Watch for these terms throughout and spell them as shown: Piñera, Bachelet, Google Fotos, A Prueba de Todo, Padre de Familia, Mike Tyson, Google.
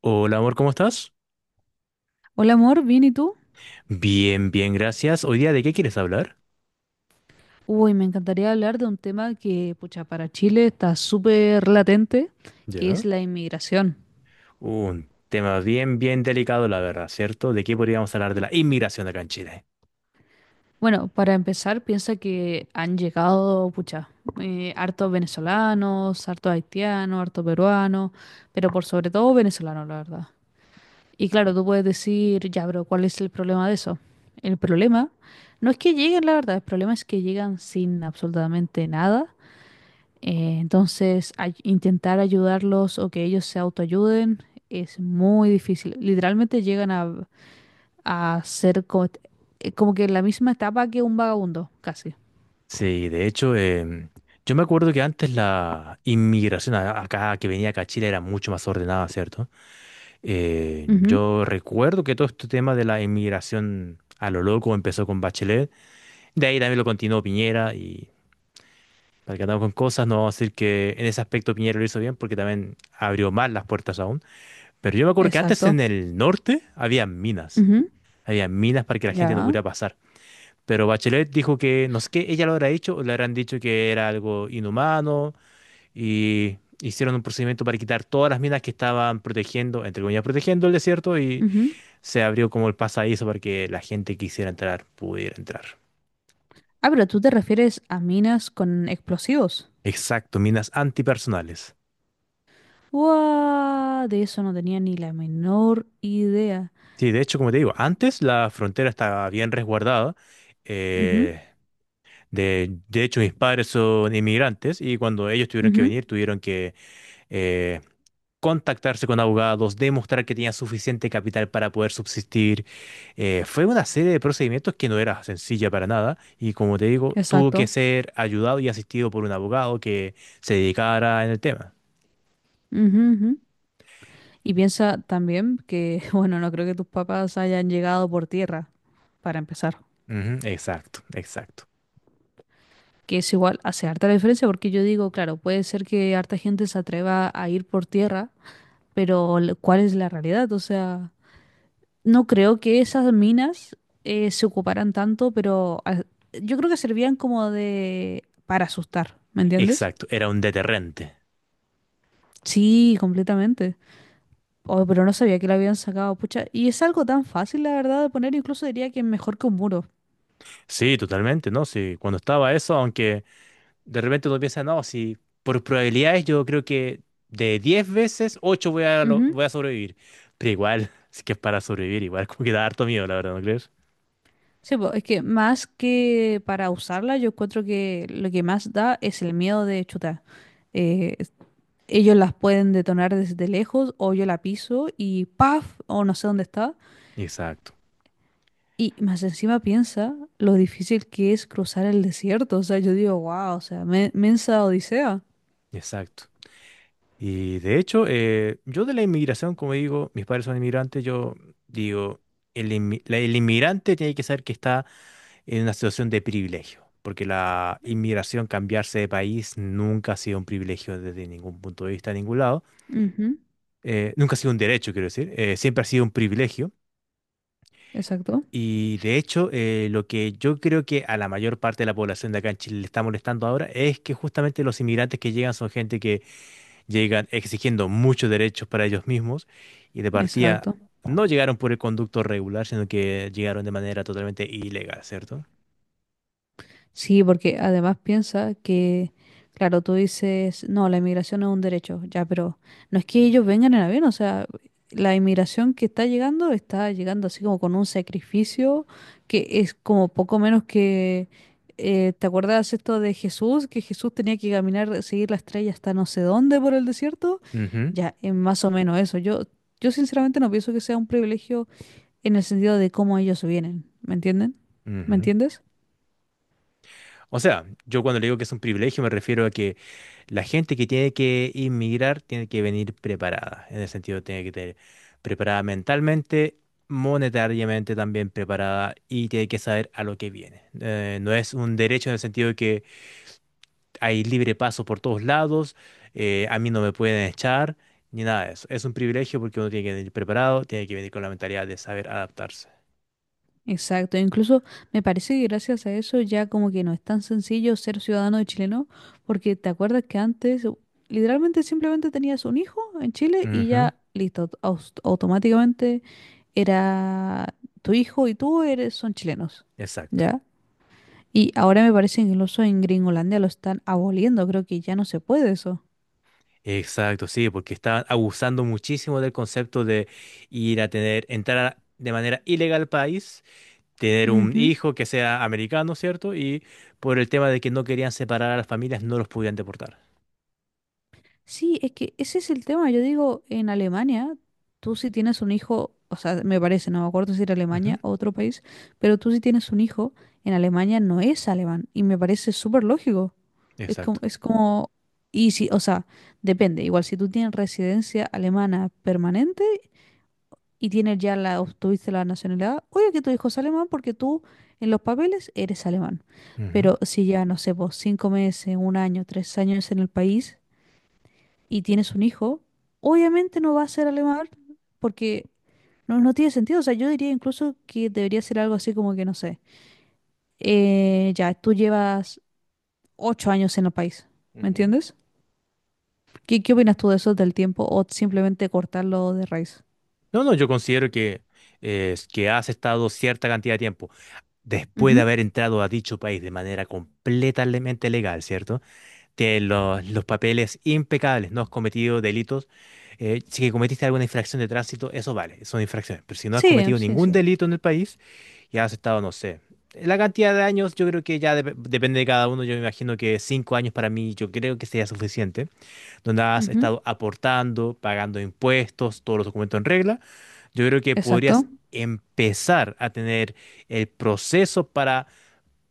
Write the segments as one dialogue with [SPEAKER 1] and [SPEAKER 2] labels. [SPEAKER 1] Hola amor, ¿cómo estás?
[SPEAKER 2] Hola amor, ¿bien y tú?
[SPEAKER 1] Bien, bien, gracias. Hoy día, ¿de qué quieres hablar?
[SPEAKER 2] Uy, me encantaría hablar de un tema que, pucha, para Chile está súper latente, que es
[SPEAKER 1] Ya.
[SPEAKER 2] la inmigración.
[SPEAKER 1] Un tema bien, bien delicado, la verdad, ¿cierto? ¿De qué podríamos hablar de la inmigración acá en Chile?
[SPEAKER 2] Bueno, para empezar, piensa que han llegado, pucha, hartos venezolanos, hartos haitianos, hartos peruanos, pero por sobre todo venezolanos, la verdad. Y claro, tú puedes decir, ya, pero ¿cuál es el problema de eso? El problema no es que lleguen, la verdad, el problema es que llegan sin absolutamente nada. Entonces, intentar ayudarlos o que ellos se autoayuden es muy difícil. Literalmente llegan a ser como, como que en la misma etapa que un vagabundo, casi.
[SPEAKER 1] Sí, de hecho, yo me acuerdo que antes la inmigración acá, que venía acá a Chile, era mucho más ordenada, ¿cierto?
[SPEAKER 2] Ujú,
[SPEAKER 1] Yo recuerdo que todo este tema de la inmigración a lo loco empezó con Bachelet, de ahí también lo continuó Piñera y... Para que andamos con cosas, no vamos a decir que en ese aspecto Piñera lo hizo bien porque también abrió más las puertas aún. Pero yo me acuerdo que antes
[SPEAKER 2] exacto.
[SPEAKER 1] en el norte había minas.
[SPEAKER 2] Ujú,
[SPEAKER 1] Había minas para que la gente no
[SPEAKER 2] ya.
[SPEAKER 1] pudiera pasar. Pero Bachelet dijo que, no sé qué, ella lo habrá hecho o le habrán dicho que era algo inhumano y hicieron un procedimiento para quitar todas las minas que estaban protegiendo, entre comillas, protegiendo el desierto y
[SPEAKER 2] Ujú.
[SPEAKER 1] se abrió como el pasadizo para que la gente que quisiera entrar pudiera entrar.
[SPEAKER 2] Ah, pero tú te refieres a minas con explosivos.
[SPEAKER 1] Exacto, minas antipersonales.
[SPEAKER 2] ¡Guau! De eso no tenía ni la menor idea.
[SPEAKER 1] Sí, de hecho, como te digo, antes la frontera estaba bien resguardada.
[SPEAKER 2] Ujú,
[SPEAKER 1] eh, de hecho, mis padres son inmigrantes y cuando ellos tuvieron que
[SPEAKER 2] ujú.
[SPEAKER 1] venir, tuvieron que eh, contactarse con abogados, demostrar que tenían suficiente capital para poder subsistir. Fue una serie de procedimientos que no era sencilla para nada y como te digo, tuvo que
[SPEAKER 2] Exacto.
[SPEAKER 1] ser ayudado y asistido por un abogado que se dedicara en el tema.
[SPEAKER 2] Ujú, ujú. Y piensa también que, bueno, no creo que tus papás hayan llegado por tierra, para empezar.
[SPEAKER 1] Ujú, exacto, exacto,
[SPEAKER 2] Que es igual, hace harta diferencia porque yo digo, claro, puede ser que harta gente se atreva a ir por tierra, pero ¿cuál es la realidad? O sea, no creo que esas minas se ocuparan tanto, pero ah, yo creo que servían como de, para asustar, ¿me entiendes?
[SPEAKER 1] exacto. Era un deterrente.
[SPEAKER 2] Sí, completamente. Oh, pero no sabía que la habían sacado, pucha. Y es algo tan fácil, la verdad, de poner, incluso diría que mejor que un muro.
[SPEAKER 1] Sí, totalmente, ¿no? Sí, cuando estaba eso, aunque... De repente uno piensa, no, si por probabilidades yo creo que de 10 veces, 8 voy a,
[SPEAKER 2] Ujú.
[SPEAKER 1] voy a sobrevivir. Pero igual, es que es para sobrevivir, igual como que da harto miedo, la verdad, ¿no crees?
[SPEAKER 2] Sí, po, es que más que para usarla, yo encuentro que lo que más da es el miedo de chutar. Eh, es- Ellos las pueden detonar desde lejos o yo la piso y ¡paf! O no sé dónde está.
[SPEAKER 1] Exacto,
[SPEAKER 2] Y más encima piensa lo difícil que es cruzar el desierto. O sea, yo digo, wow, o sea, mensa odisea.
[SPEAKER 1] exacto. Y de hecho, yo de la inmigración, como digo, mis padres son inmigrantes, yo digo, el inmigrante tiene que saber que está en una situación de privilegio, porque la inmigración, cambiarse de país, nunca ha sido un privilegio desde ningún punto de vista, de ningún lado.
[SPEAKER 2] Ujú.
[SPEAKER 1] Nunca ha sido un derecho, quiero decir, siempre ha sido un privilegio.
[SPEAKER 2] Exacto,
[SPEAKER 1] Y de hecho, lo que yo creo que a la mayor parte de la población de acá en Chile le está molestando ahora es que justamente los inmigrantes que llegan son gente que llegan exigiendo muchos derechos para ellos mismos y de partida
[SPEAKER 2] exacto.
[SPEAKER 1] no llegaron por el conducto regular, sino que llegaron de manera totalmente ilegal, cierto.
[SPEAKER 2] Sí, porque además piensa que, claro, tú dices, no, la inmigración es un derecho, ya, pero no es que ellos vengan en avión, o sea, la inmigración que está llegando así como con un sacrificio que es como poco menos que, ¿te acuerdas esto de Jesús? Que Jesús tenía que caminar, seguir la estrella hasta no sé dónde por el desierto,
[SPEAKER 1] Ujú,
[SPEAKER 2] ya, es más o menos eso. Yo sinceramente no pienso que sea un privilegio en el sentido de cómo ellos vienen, ¿me entienden? ¿Me
[SPEAKER 1] ujú.
[SPEAKER 2] entiendes?
[SPEAKER 1] O sea, yo cuando le digo que es un privilegio me refiero a que la gente que tiene que inmigrar tiene que venir preparada, en el sentido tiene que tener preparada mentalmente, monetariamente también preparada y tiene que saber a lo que viene. No es un derecho en el sentido de que hay libre paso por todos lados, a mí no me pueden echar, ni nada de eso. Es un privilegio porque uno tiene que venir preparado, tiene que venir con la mentalidad de saber adaptarse.
[SPEAKER 2] Exacto, incluso me parece que gracias a eso ya como que no es tan sencillo ser ciudadano de chileno, porque te acuerdas que antes literalmente simplemente tenías un hijo en Chile y
[SPEAKER 1] Ujú,
[SPEAKER 2] ya listo, automáticamente era tu hijo y tú eres son chilenos,
[SPEAKER 1] exacto.
[SPEAKER 2] ¿ya? Y ahora me parece que incluso en Gringolandia lo están aboliendo, creo que ya no se puede eso.
[SPEAKER 1] Exacto, sí, porque estaban abusando muchísimo del concepto de ir a tener, de manera ilegal al país, tener un
[SPEAKER 2] Ujú.
[SPEAKER 1] hijo que sea americano, ¿cierto? Y por el tema de que no querían separar a las familias, no los podían deportar.
[SPEAKER 2] Sí, es que ese es el tema. Yo digo, en Alemania, tú si tienes un hijo, o sea, me parece, no me acuerdo si era
[SPEAKER 1] Ujú,
[SPEAKER 2] Alemania o otro país, pero tú si tienes un hijo, en Alemania no es alemán. Y me parece súper lógico.
[SPEAKER 1] exacto.
[SPEAKER 2] Es como, y si, o sea, depende. Igual si tú tienes residencia alemana permanente y tienes ya la, obtuviste la nacionalidad, oye que tu hijo es alemán porque tú en los papeles eres alemán.
[SPEAKER 1] Ujú.
[SPEAKER 2] Pero si ya, no sé, vos 5 meses, un año, 3 años en el país y tienes un hijo, obviamente no va a ser alemán porque no, no tiene sentido. O sea, yo diría incluso que debería ser algo así como que, no sé, ya, tú llevas 8 años en el país, ¿me
[SPEAKER 1] Ujú.
[SPEAKER 2] entiendes? ¿Qué, qué opinas tú de eso del tiempo o simplemente cortarlo de raíz?
[SPEAKER 1] No, no, yo considero que has estado cierta cantidad de tiempo después de
[SPEAKER 2] Ujú.
[SPEAKER 1] haber entrado a dicho país de manera completamente legal, ¿cierto? Tienes los papeles impecables, no has cometido delitos. Si cometiste alguna infracción de tránsito, eso vale, son infracciones. Pero si no has
[SPEAKER 2] Sí,
[SPEAKER 1] cometido
[SPEAKER 2] sí,
[SPEAKER 1] ningún
[SPEAKER 2] sí.
[SPEAKER 1] delito en el país y has estado, no sé, la cantidad de años, yo creo que ya depende de cada uno. Yo me imagino que cinco años para mí, yo creo que sería suficiente, donde has
[SPEAKER 2] Ujú.
[SPEAKER 1] estado aportando, pagando impuestos, todos los documentos en regla. Yo creo que
[SPEAKER 2] Exacto.
[SPEAKER 1] podrías empezar a tener el proceso para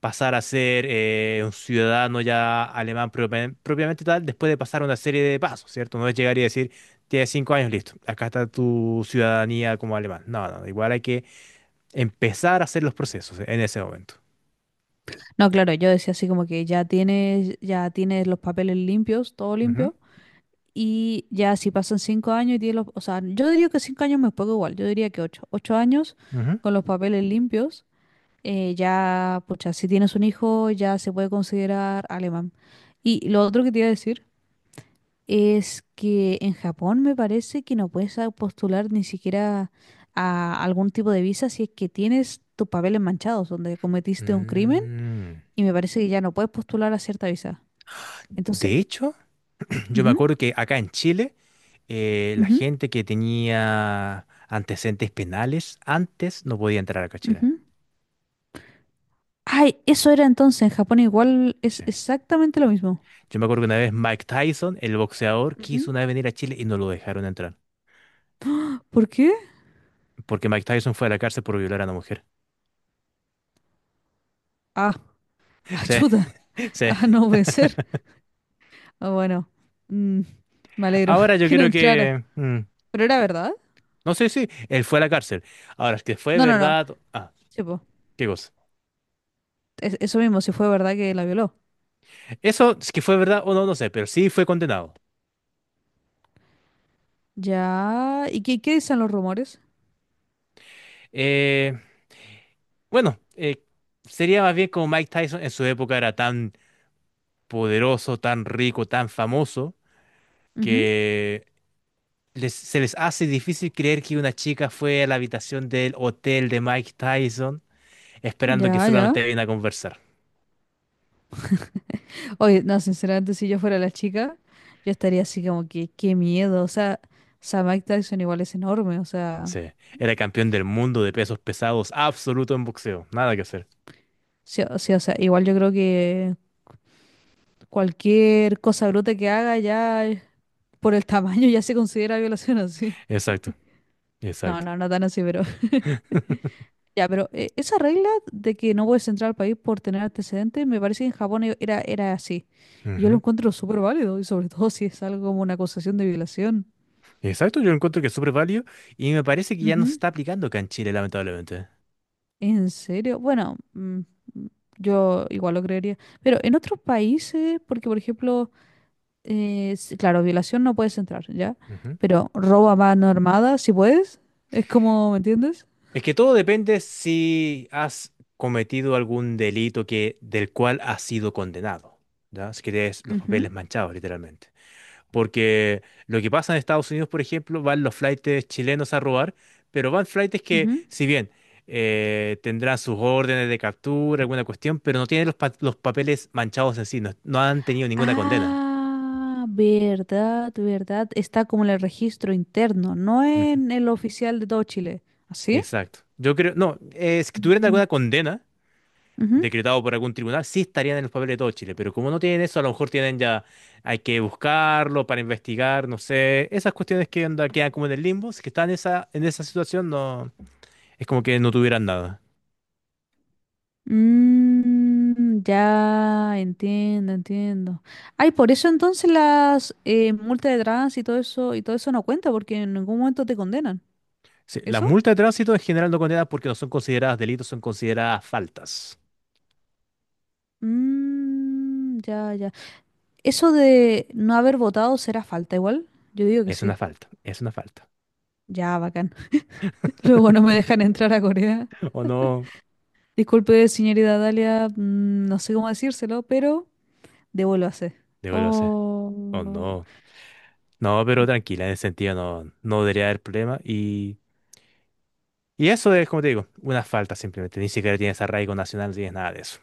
[SPEAKER 1] pasar a ser un ciudadano ya alemán propiamente, propiamente tal, después de pasar una serie de pasos, ¿cierto? No es llegar y decir, tienes cinco años, listo, acá está tu ciudadanía como alemán. No, no, igual hay que empezar a hacer los procesos en ese momento.
[SPEAKER 2] No, claro, yo decía así como que ya tienes los papeles limpios, todo
[SPEAKER 1] Ujú,
[SPEAKER 2] limpio. Y ya si pasan 5 años y tiene los, o sea, yo diría que 5 años me es igual, yo diría que ocho años
[SPEAKER 1] ujú.
[SPEAKER 2] con los papeles limpios, ya, pucha, si tienes un hijo ya se puede considerar alemán. Y lo otro que te iba a decir es que en Japón me parece que no puedes postular ni siquiera a algún tipo de visa si es que tienes tus papeles manchados, donde cometiste un crimen,
[SPEAKER 1] Mm.
[SPEAKER 2] y me parece que ya no puedes postular a cierta visa. Entonces,
[SPEAKER 1] De hecho, yo me
[SPEAKER 2] ujú,
[SPEAKER 1] acuerdo que acá en Chile, la
[SPEAKER 2] ujú,
[SPEAKER 1] gente que tenía antecedentes penales antes no podía entrar acá a Chile.
[SPEAKER 2] ujú. Ay, eso era entonces. En Japón igual es
[SPEAKER 1] Sí.
[SPEAKER 2] exactamente lo mismo.
[SPEAKER 1] Yo me acuerdo que una vez Mike Tyson, el boxeador, quiso
[SPEAKER 2] Ujú.
[SPEAKER 1] una vez venir a Chile y no lo dejaron entrar.
[SPEAKER 2] ¿Por qué?
[SPEAKER 1] Porque Mike Tyson fue a la cárcel por violar a una mujer.
[SPEAKER 2] Ah,
[SPEAKER 1] Sí,
[SPEAKER 2] ayuda. Ah,
[SPEAKER 1] sí.
[SPEAKER 2] no puede ser. Ah, bueno. Mm, Me alegro
[SPEAKER 1] Ahora yo
[SPEAKER 2] que no
[SPEAKER 1] creo
[SPEAKER 2] entrara.
[SPEAKER 1] que... mm,
[SPEAKER 2] ¿Pero era verdad?
[SPEAKER 1] no sé si él fue a la cárcel. Ahora, es que fue
[SPEAKER 2] No, no, no.
[SPEAKER 1] verdad... Ah,
[SPEAKER 2] Sí, po.
[SPEAKER 1] qué cosa.
[SPEAKER 2] Eso mismo, si fue verdad que la violó.
[SPEAKER 1] Eso, es que fue verdad o no, no sé, pero sí fue condenado.
[SPEAKER 2] Ya. ¿Y qué dicen los rumores?
[SPEAKER 1] Eh, bueno, eh, Sería más bien como Mike Tyson en su época era tan poderoso, tan rico, tan famoso,
[SPEAKER 2] Ujú.
[SPEAKER 1] que se les hace difícil creer que una chica fue a la habitación del hotel de Mike Tyson esperando que
[SPEAKER 2] Ya, ya.
[SPEAKER 1] solamente viniera a conversar.
[SPEAKER 2] Oye, no, sinceramente, si yo fuera la chica, yo estaría así como que, qué miedo. O sea, Mike Tyson igual es enorme. O sea,
[SPEAKER 1] Sí, era campeón del mundo de pesos pesados, absoluto en boxeo, nada que hacer.
[SPEAKER 2] sí, o sea, igual yo creo que. Cualquier cosa bruta que haga ya por el tamaño ya se considera violación así.
[SPEAKER 1] Exacto,
[SPEAKER 2] No,
[SPEAKER 1] exacto.
[SPEAKER 2] no, no tan así, pero ya, pero esa regla de que no puedes entrar al país por tener antecedentes, me parece que en Japón era así. Y yo lo
[SPEAKER 1] Ujú.
[SPEAKER 2] encuentro súper válido, y sobre todo si es algo como una acusación de violación.
[SPEAKER 1] Exacto, yo encuentro que es súper válido y me parece que ya no se
[SPEAKER 2] Ujú.
[SPEAKER 1] está aplicando acá en Chile, lamentablemente.
[SPEAKER 2] ¿En serio? Bueno, mm, yo igual lo creería. Pero en otros países, porque por ejemplo, claro, violación no puedes entrar, ¿ya?
[SPEAKER 1] Ujú.
[SPEAKER 2] Pero robo a mano armada, si puedes. Es como, ¿me entiendes?
[SPEAKER 1] Es que todo depende si has cometido algún delito que, del cual has sido condenado, ¿ya? Si que tienes los
[SPEAKER 2] Ujú,
[SPEAKER 1] papeles manchados, literalmente. Porque lo que pasa en Estados Unidos, por ejemplo, van los flaites chilenos a robar, pero van flaites que,
[SPEAKER 2] ujú.
[SPEAKER 1] si bien tendrán sus órdenes de captura, alguna cuestión, pero no tienen los, los papeles manchados en sí, no, no han tenido ninguna condena.
[SPEAKER 2] Ah, verdad, verdad. Está como en el registro interno, no
[SPEAKER 1] Ujú.
[SPEAKER 2] en el oficial de todo Chile. ¿Así?
[SPEAKER 1] Exacto. Yo creo, no, si tuvieran
[SPEAKER 2] Ujú,
[SPEAKER 1] alguna condena
[SPEAKER 2] ujú.
[SPEAKER 1] decretado por algún tribunal, sí estarían en los papeles de todo Chile, pero como no tienen eso, a lo mejor tienen ya, hay que buscarlo para investigar, no sé, esas cuestiones que onda, quedan como en el limbo, si que están en esa situación, no, es como que no tuvieran nada.
[SPEAKER 2] Mm, ya entiendo, entiendo. Ay, por eso entonces las multas de trans y todo eso no cuenta porque en ningún momento te condenan.
[SPEAKER 1] Sí, las
[SPEAKER 2] ¿Eso?
[SPEAKER 1] multas de tránsito en general no condenan porque no son consideradas delitos, son consideradas faltas.
[SPEAKER 2] Mm, ya, ya. ¿Eso de no haber votado será falta igual? Yo digo que
[SPEAKER 1] Es
[SPEAKER 2] sí.
[SPEAKER 1] una falta, es una falta.
[SPEAKER 2] Ya, bacán. Luego no me dejan entrar a Corea.
[SPEAKER 1] O no,
[SPEAKER 2] Disculpe, señorita Dalia, mm, no sé cómo decírselo, pero devuelvo a hacer.
[SPEAKER 1] debo lo sé.
[SPEAKER 2] Oh.
[SPEAKER 1] O no. No, pero tranquila, en ese sentido no, no debería haber problema. Y eso es, como te digo, una falta simplemente. Ni siquiera tienes arraigo nacional, no tienes nada de eso.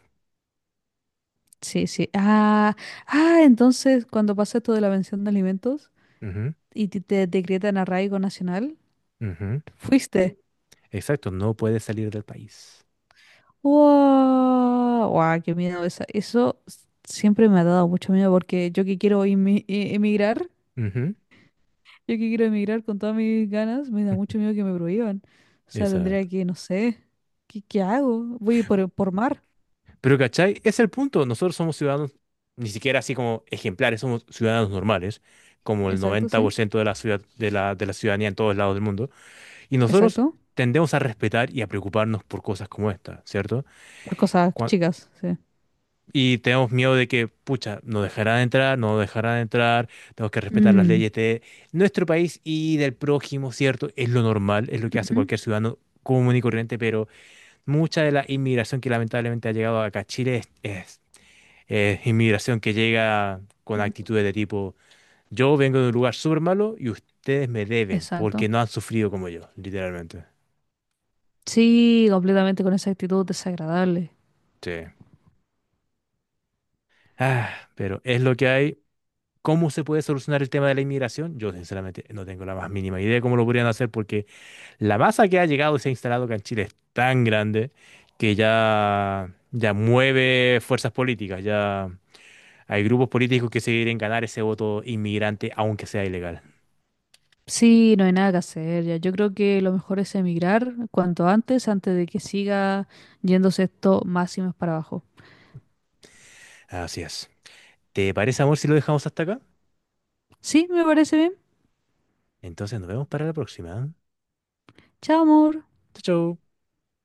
[SPEAKER 2] Sí, sí. Ah, ah, entonces cuando pasa esto de la pensión de alimentos
[SPEAKER 1] Ujú,
[SPEAKER 2] y te decretan arraigo nacional,
[SPEAKER 1] ujú.
[SPEAKER 2] fuiste.
[SPEAKER 1] Exacto, no puedes salir del país.
[SPEAKER 2] ¡Wow! ¡Wow! ¡Qué miedo! Eso siempre me ha dado mucho miedo porque yo que quiero emigrar.
[SPEAKER 1] Ujú,
[SPEAKER 2] Yo que quiero emigrar con todas mis ganas, me da
[SPEAKER 1] ujú.
[SPEAKER 2] mucho miedo que me prohíban. O sea, tendría
[SPEAKER 1] Exacto.
[SPEAKER 2] que, no sé, ¿qué hago? Voy por mar.
[SPEAKER 1] Pero, ¿cachai? Es el punto. Nosotros somos ciudadanos, ni siquiera así como ejemplares, somos ciudadanos normales, como el
[SPEAKER 2] Exacto, sí.
[SPEAKER 1] 90% de la ciudad, de la ciudadanía en todos lados del mundo. Y nosotros
[SPEAKER 2] Exacto.
[SPEAKER 1] tendemos a respetar y a preocuparnos por cosas como esta, ¿cierto?
[SPEAKER 2] Por cosas
[SPEAKER 1] Cuan-
[SPEAKER 2] chicas, sí.
[SPEAKER 1] y tenemos miedo de que, pucha, no dejará de entrar, no dejará de entrar, tenemos que respetar las
[SPEAKER 2] Mm,
[SPEAKER 1] leyes de nuestro país y del prójimo, ¿cierto? Es lo normal, es lo que hace cualquier ciudadano común y corriente, pero mucha de la inmigración que lamentablemente ha llegado acá a Chile es, inmigración que llega con
[SPEAKER 2] ujú.
[SPEAKER 1] actitudes de tipo, yo vengo de un lugar súper malo y ustedes me deben
[SPEAKER 2] Exacto.
[SPEAKER 1] porque no han sufrido como yo, literalmente.
[SPEAKER 2] Sí, completamente con esa actitud desagradable.
[SPEAKER 1] Sí. Ah, pero es lo que hay. ¿Cómo se puede solucionar el tema de la inmigración? Yo sinceramente no tengo la más mínima idea de cómo lo podrían hacer porque la masa que ha llegado y se ha instalado acá en Chile es tan grande que ya, ya mueve fuerzas políticas, ya hay grupos políticos que se quieren ganar ese voto inmigrante aunque sea ilegal.
[SPEAKER 2] Sí, no hay nada que hacer ya. Yo creo que lo mejor es emigrar cuanto antes, antes de que siga yéndose esto más y más para abajo.
[SPEAKER 1] Así es. ¿Te parece, amor, si lo dejamos hasta acá?
[SPEAKER 2] Sí, me parece bien.
[SPEAKER 1] Entonces nos vemos para la próxima.
[SPEAKER 2] Chao, amor.
[SPEAKER 1] Chau, chau.